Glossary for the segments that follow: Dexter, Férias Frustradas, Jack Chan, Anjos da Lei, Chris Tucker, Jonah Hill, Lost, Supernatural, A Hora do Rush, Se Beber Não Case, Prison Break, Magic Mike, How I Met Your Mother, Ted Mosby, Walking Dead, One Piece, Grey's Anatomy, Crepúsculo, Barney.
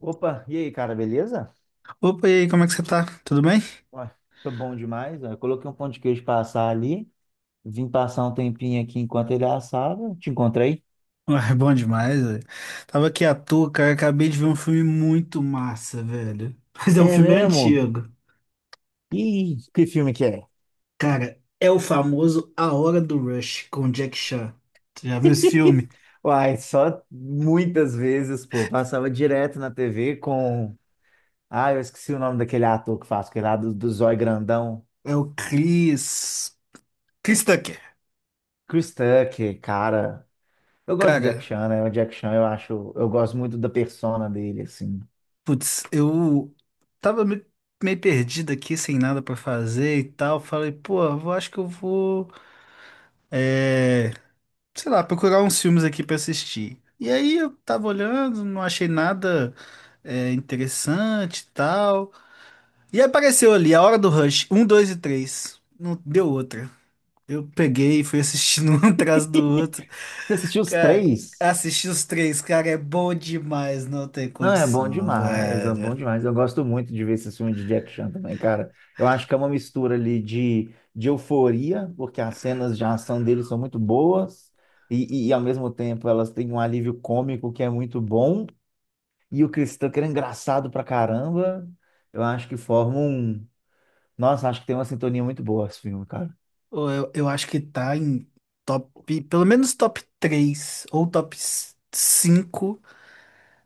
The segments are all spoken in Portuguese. Opa, e aí, cara, beleza? Opa, e aí, como é que você tá? Tudo bem? Ué, tô bom demais. Ó. Eu coloquei um pão de queijo pra assar ali. Vim passar um tempinho aqui enquanto ele assava. Te encontrei. Ué, bom demais, velho. Tava aqui à toa, cara, acabei de ver um filme muito massa, velho. Mas é um É filme mesmo? antigo. Ih, que filme que é? Cara, é o famoso A Hora do Rush, com Jack Chan. Você já viu esse filme? Uai, só muitas vezes, pô. Passava direto na TV com. Ah, eu esqueci o nome daquele ator que faz, aquele lá do, Zói Grandão. É o Chris Tucker. Chris Tucker, cara. Eu gosto do Jack Cara, Chan, né? O Jack Chan, eu acho. Eu gosto muito da persona dele, assim. putz, eu tava meio perdido aqui, sem nada pra fazer e tal. Falei, pô, eu acho que eu vou, é, sei lá, procurar uns filmes aqui pra assistir. E aí eu tava olhando, não achei nada interessante e tal. E apareceu ali A Hora do Rush, um, dois e três. Não deu outra. Eu peguei e fui assistindo um atrás do outro. Você assistiu os Cara, três? assisti os três, cara, é bom demais, não tem Não, é bom condição, demais, é bom velho. demais. Eu gosto muito de ver esse filme de Jack Chan também, cara. Eu acho que é uma mistura ali de euforia, porque as cenas de ação dele são muito boas, e ao mesmo tempo elas têm um alívio cômico que é muito bom, e o Chris Tucker é engraçado pra caramba. Eu acho que forma um. Nossa, acho que tem uma sintonia muito boa esse filme, cara. Ou, eu acho que tá em top, pelo menos top 3 ou top 5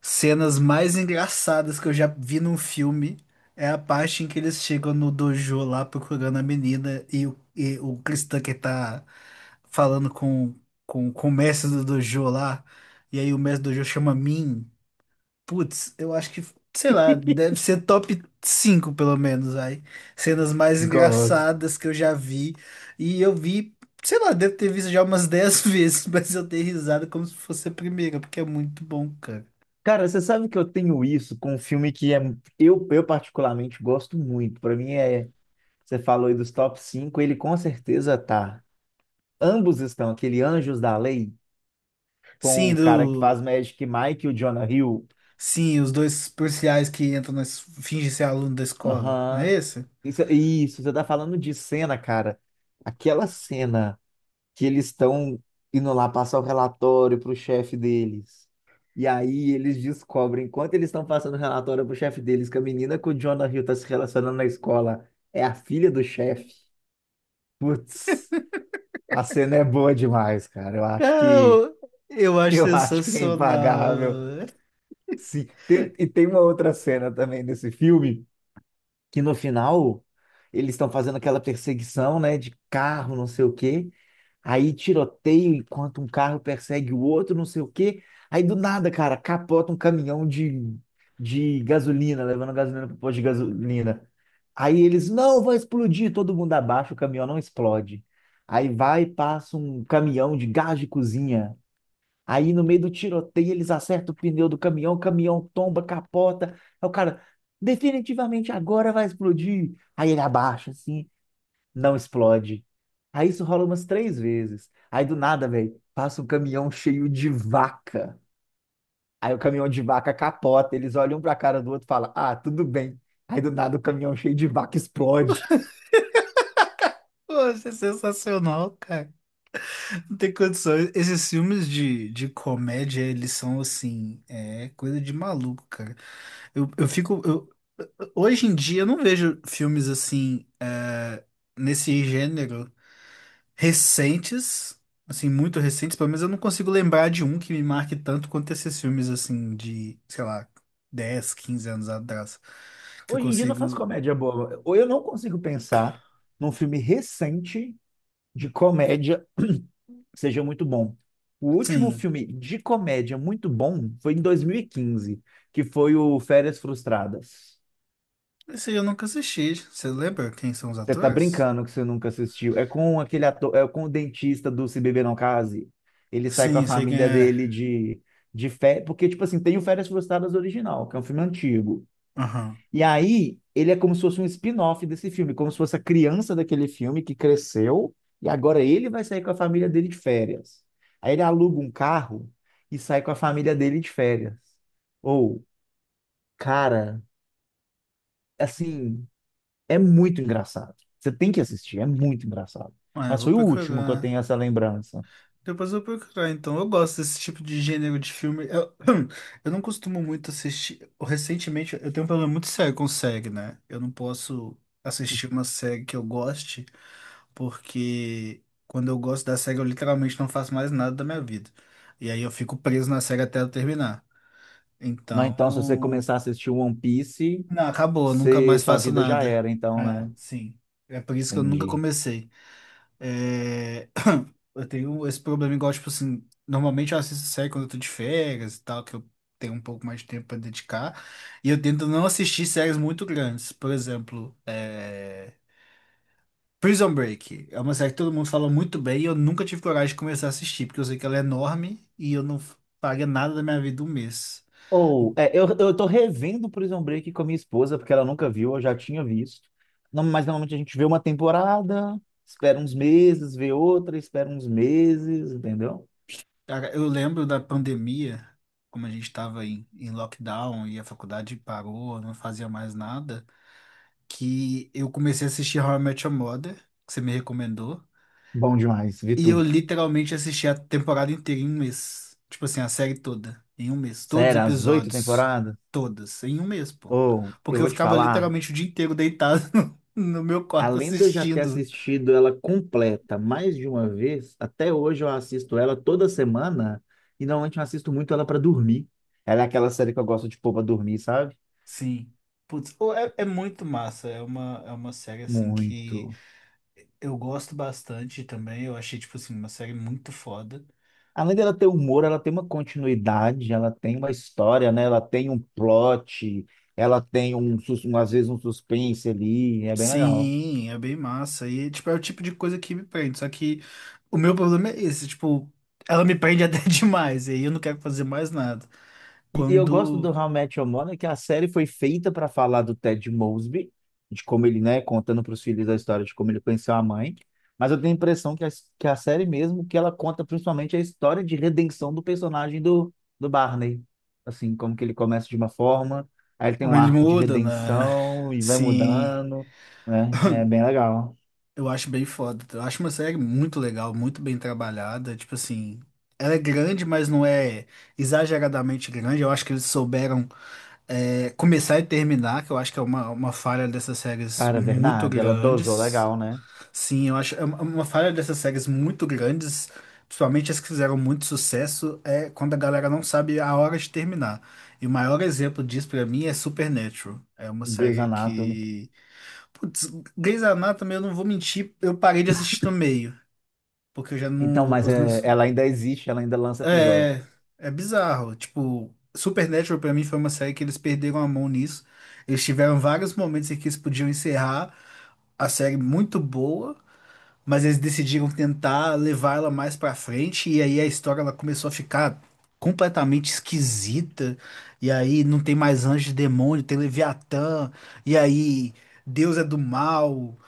cenas mais engraçadas que eu já vi num filme, é a parte em que eles chegam no dojo lá procurando a menina e o Cristã que tá falando com o mestre do dojo lá, e aí o mestre do dojo chama Min. Putz, eu acho que, sei lá, deve ser top 5 pelo menos aí. Cenas mais Gosto. engraçadas que eu já vi. E eu vi, sei lá, devo ter visto já umas 10 vezes, mas eu dei risada como se fosse a primeira, porque é muito bom, cara. Cara, você sabe que eu tenho isso com um filme que é, eu particularmente gosto muito. Pra mim é. Você falou aí dos top 5, ele com certeza tá. Ambos estão, aquele Anjos da Lei, com Sim, o cara que faz do. Magic Mike e o Jonah Hill. Sim, os dois policiais que entram fingem ser aluno da escola, não é Aham. esse? Isso, você tá falando de cena, cara. Aquela cena que eles estão indo lá passar o relatório pro chefe deles. E aí eles descobrem, enquanto eles estão passando o relatório pro chefe deles, que a menina que o Jonah Hill tá se relacionando na escola é a filha do chefe. Putz, a cena é boa demais, cara. Eu Ah, acho que Eu, eu acho eu acho que é sensacional, impagável. velho. Sim. E tem uma outra cena também nesse filme, que no final eles estão fazendo aquela perseguição, né, de carro, não sei o quê. Aí tiroteio enquanto um carro persegue o outro, não sei o quê. Aí do nada, cara, capota um caminhão de gasolina, levando gasolina para o posto de gasolina. Aí eles, não, vai explodir, todo mundo abaixa, o caminhão não explode. Aí vai e passa um caminhão de gás de cozinha. Aí no meio do tiroteio eles acertam o pneu do caminhão, o caminhão tomba, capota. Aí o cara, definitivamente agora vai explodir. Aí ele abaixa assim, não explode. Aí isso rola umas três vezes. Aí do nada, velho, passa um caminhão cheio de vaca. Aí o caminhão de vaca capota, eles olham um pra cara do outro e falam, ah, tudo bem. Aí do nada o caminhão cheio de vaca explode. Eu acho sensacional, cara. Não tem condições. Esses filmes de comédia, eles são assim, é coisa de maluco, cara. Eu, eu fico. eu- Hoje em dia eu não vejo filmes assim, nesse gênero, recentes, assim, muito recentes, pelo menos eu não consigo lembrar de um que me marque tanto quanto esses filmes, assim, de, sei lá, 10, 15 anos atrás, que eu Hoje em dia não faz consigo. comédia boa. Ou eu não consigo pensar num filme recente de comédia seja muito bom. O último Sim, filme de comédia muito bom foi em 2015, que foi o Férias Frustradas. esse aí eu nunca assisti, você lembra quem são os Você tá atores? brincando que você nunca assistiu. É com aquele ator, é com o dentista do Se Beber Não Case. Ele sai com a Sim, sei quem família é. dele de férias, porque, tipo assim, tem o Férias Frustradas original, que é um filme antigo. Aham. E aí, ele é como se fosse um spin-off desse filme, como se fosse a criança daquele filme que cresceu e agora ele vai sair com a família dele de férias. Aí ele aluga um carro e sai com a família dele de férias. Ou, cara, assim, é muito engraçado. Você tem que assistir, é muito engraçado. Ah, eu Mas vou foi o último que eu tenho procurar, essa lembrança. depois eu vou procurar, então, eu gosto desse tipo de gênero de filme, eu, eu não costumo muito assistir, recentemente eu tenho um problema muito sério com série, né, eu não posso assistir uma série que eu goste, porque quando eu gosto da série, eu literalmente não faço mais nada da minha vida. E aí eu fico preso na série até eu terminar. Não, então, se você Então, começar a assistir One Piece, não, acabou, eu nunca você, mais sua faço vida já nada. era, então, Ah, né? sim. É por isso que eu nunca Entendi. comecei. É, eu tenho esse problema igual, tipo assim, normalmente eu assisto série quando eu tô de férias e tal, que eu tenho um pouco mais de tempo pra dedicar. E eu tento não assistir séries muito grandes. Por exemplo, Prison Break é uma série que todo mundo fala muito bem e eu nunca tive coragem de começar a assistir, porque eu sei que ela é enorme e eu não paguei nada da minha vida um mês. Ou, é, eu tô revendo Prison Break com a minha esposa, porque ela nunca viu, eu já tinha visto. Não, mas normalmente a gente vê uma temporada, espera uns meses, vê outra, espera uns meses, entendeu? Cara, eu lembro da pandemia, como a gente estava em lockdown e a faculdade parou, não fazia mais nada, que eu comecei a assistir How I Met Your Mother, que você me recomendou. Bom demais, vi E eu tudo. literalmente assisti a temporada inteira em um mês. Tipo assim, a série toda. Em um mês. Todos os Sério, as oito episódios. temporadas? Todas. Em um mês, pô. Ou, eu Porque eu vou te ficava falar, literalmente o dia inteiro deitado no meu quarto além de eu já ter assistindo. assistido ela completa mais de uma vez, até hoje eu assisto ela toda semana, e normalmente eu assisto muito ela para dormir. Ela é aquela série que eu gosto de pôr pra dormir, sabe? Sim. Putz, ô, é muito massa. É uma série, assim, que Muito. eu gosto bastante também. Eu achei, tipo assim, uma série muito foda. Além dela ter humor, ela tem uma continuidade, ela tem uma história, né? Ela tem um plot, ela tem um, um às vezes um suspense ali, é bem legal. Sim, é bem massa. E, tipo, é o tipo de coisa que me prende. Só que o meu problema é esse, tipo, ela me prende até demais, e aí eu não quero fazer mais nada. E eu gosto Quando do How I Met Your Mother, que a série foi feita para falar do Ted Mosby, de como ele, né, contando para os filhos a história de como ele conheceu a mãe. Mas eu tenho a impressão que a, série mesmo, que ela conta principalmente a história de redenção do personagem do Barney. Assim, como que ele começa de uma forma, aí ele tem um ele arco de muda, né? redenção e vai Sim, mudando, né? É bem legal. eu acho bem foda. Eu acho uma série muito legal, muito bem trabalhada. Tipo assim, ela é grande, mas não é exageradamente grande. Eu acho que eles souberam começar e terminar, que eu acho que é uma falha dessas séries Cara, é muito verdade, ela dosou grandes. legal, né? Sim, eu acho é uma falha dessas séries muito grandes, principalmente as que fizeram muito sucesso, é quando a galera não sabe a hora de terminar. E o maior exemplo disso pra mim é Supernatural. É uma Grey's série Anatomy. que, putz, Grey's Anatomy, eu não vou mentir, eu parei de assistir no meio, porque eu já Então, não mas os é, meus. ela ainda existe, ela ainda lança episódio. É é bizarro, tipo, Supernatural pra mim foi uma série que eles perderam a mão nisso. Eles tiveram vários momentos em que eles podiam encerrar a série muito boa, mas eles decidiram tentar levar ela mais pra frente e aí a história ela começou a ficar completamente esquisita. E aí não tem mais anjo e demônio, tem Leviatã, e aí Deus é do mal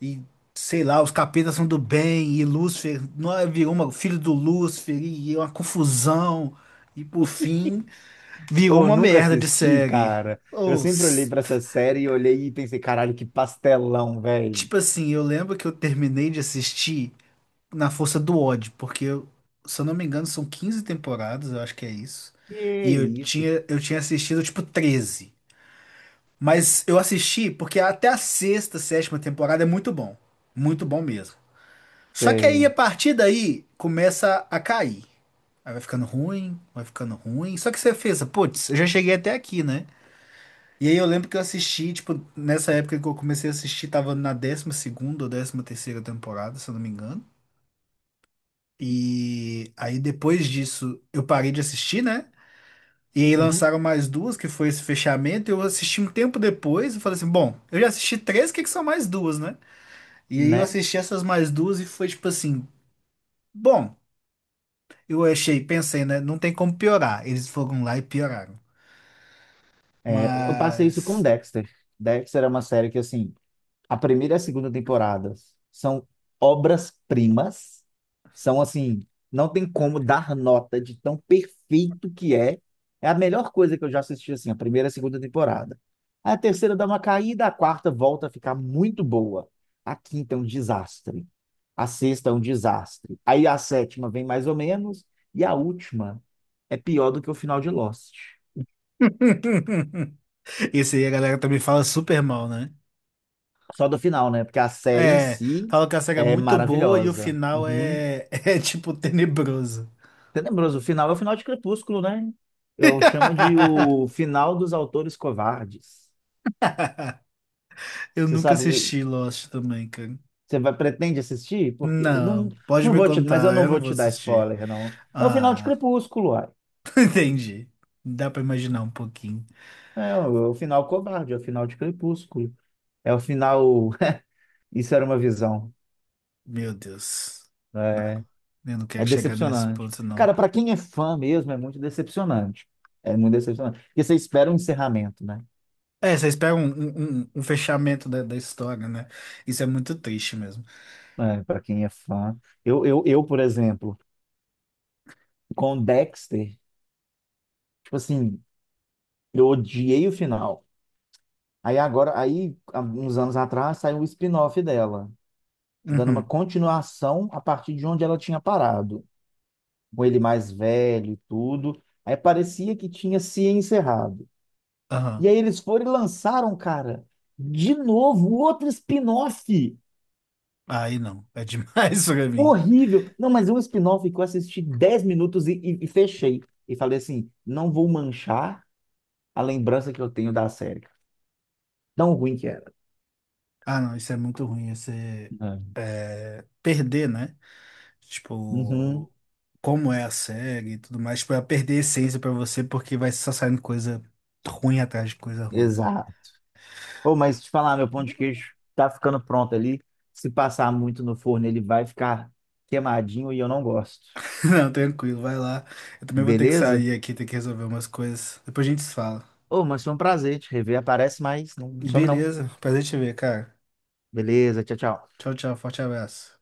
e sei lá, os capetas são do bem e Lúcifer não é, virou uma filho do Lúcifer e uma confusão. E por fim, virou Eu uma nunca merda de assisti, série. cara. Eu Ou, sempre olhei pra essa série e olhei e pensei, caralho, que pastelão, velho. tipo assim, eu lembro que eu terminei de assistir na força do ódio, porque se eu não me engano são 15 temporadas, eu acho que é isso. Que E eu isso, tinha eu tinha assistido tipo 13. Mas eu assisti porque até a sexta, sétima temporada é muito bom. Muito bom mesmo. Só que aí a sei. partir daí começa a cair. Aí vai ficando ruim, vai ficando ruim. Só que você fez, putz, eu já cheguei até aqui, né? E aí eu lembro que eu assisti, tipo, nessa época que eu comecei a assistir, tava na 12ª ou 13ª temporada, se eu não me engano. E aí depois disso eu parei de assistir, né? E aí Uhum, lançaram mais duas, que foi esse fechamento. Eu assisti um tempo depois e falei assim: bom, eu já assisti três, o que é que são mais duas, né? E aí eu né? assisti essas mais duas e foi tipo assim: bom, eu achei, pensei, né? Não tem como piorar. Eles foram lá e pioraram. É, eu passei isso com Mas. Dexter. Dexter é uma série que, assim, a primeira e a segunda temporada são obras-primas. São assim, não tem como dar nota de tão perfeito que é. É a melhor coisa que eu já assisti assim, a primeira e a segunda temporada. A terceira dá uma caída, a quarta volta a ficar muito boa. A quinta é um desastre. A sexta é um desastre. Aí a sétima vem mais ou menos e a última é pior do que o final de Lost. Esse aí a galera também fala super mal, né? Só do final, né? Porque a série em É, si fala que a série é é muito boa e o maravilhosa. final Uhum. é, é tipo tenebroso. Tenebroso. O final é o final de Crepúsculo, né? Eu chamo de o final dos autores covardes. Eu Você nunca sabe, assisti Lost também, cara. você vai, pretende assistir? Porque não, Não, pode não me vou te, mas eu contar, não eu não vou vou te dar assistir. spoiler, não. É o final de Ah, Crepúsculo, uai. entendi. Dá pra imaginar um pouquinho. É, o é o final covarde, é o final de Crepúsculo. É o final. Isso era uma visão. Meu Deus. Não, É, eu não quero é chegar nesse decepcionante. ponto, não. Cara, para quem é fã mesmo, é muito decepcionante. É muito decepcionante. Porque você espera um encerramento, né? É, vocês pegam um fechamento da história, né? Isso é muito triste mesmo. É, para quem é fã. Eu, por exemplo, com Dexter. Tipo assim, eu odiei o final. Aí agora, aí, há uns anos atrás, saiu o spin-off dela, dando uma Uhum, continuação a partir de onde ela tinha parado, com ele mais velho e tudo. Aí parecia que tinha se encerrado. E aham. aí eles foram e lançaram, cara, de novo, outro spin-off. Aí não, é demais pra mim. Horrível. Não, mas é um spin-off que eu assisti 10 minutos e fechei. E falei assim, não vou manchar a lembrança que eu tenho da série. Tão ruim que era. Ah, não, isso é muito ruim. Você É. Perder, né? Uhum, Tipo, como é a série e tudo mais. Tipo, vai perder a essência pra você porque vai só saindo coisa ruim atrás de coisa ruim. exato. Pô, mas te falar, meu pão de queijo tá ficando pronto ali. Se passar muito no forno, ele vai ficar queimadinho e eu não gosto. Não, tranquilo, vai lá. Eu também vou ter que Beleza? sair aqui, ter que resolver umas coisas. Depois a gente se fala. Ô, mas foi um prazer te rever. Aparece mais, não some não. Beleza, prazer te ver, cara. Beleza, tchau, tchau. Tchau, tchau, forte abraço.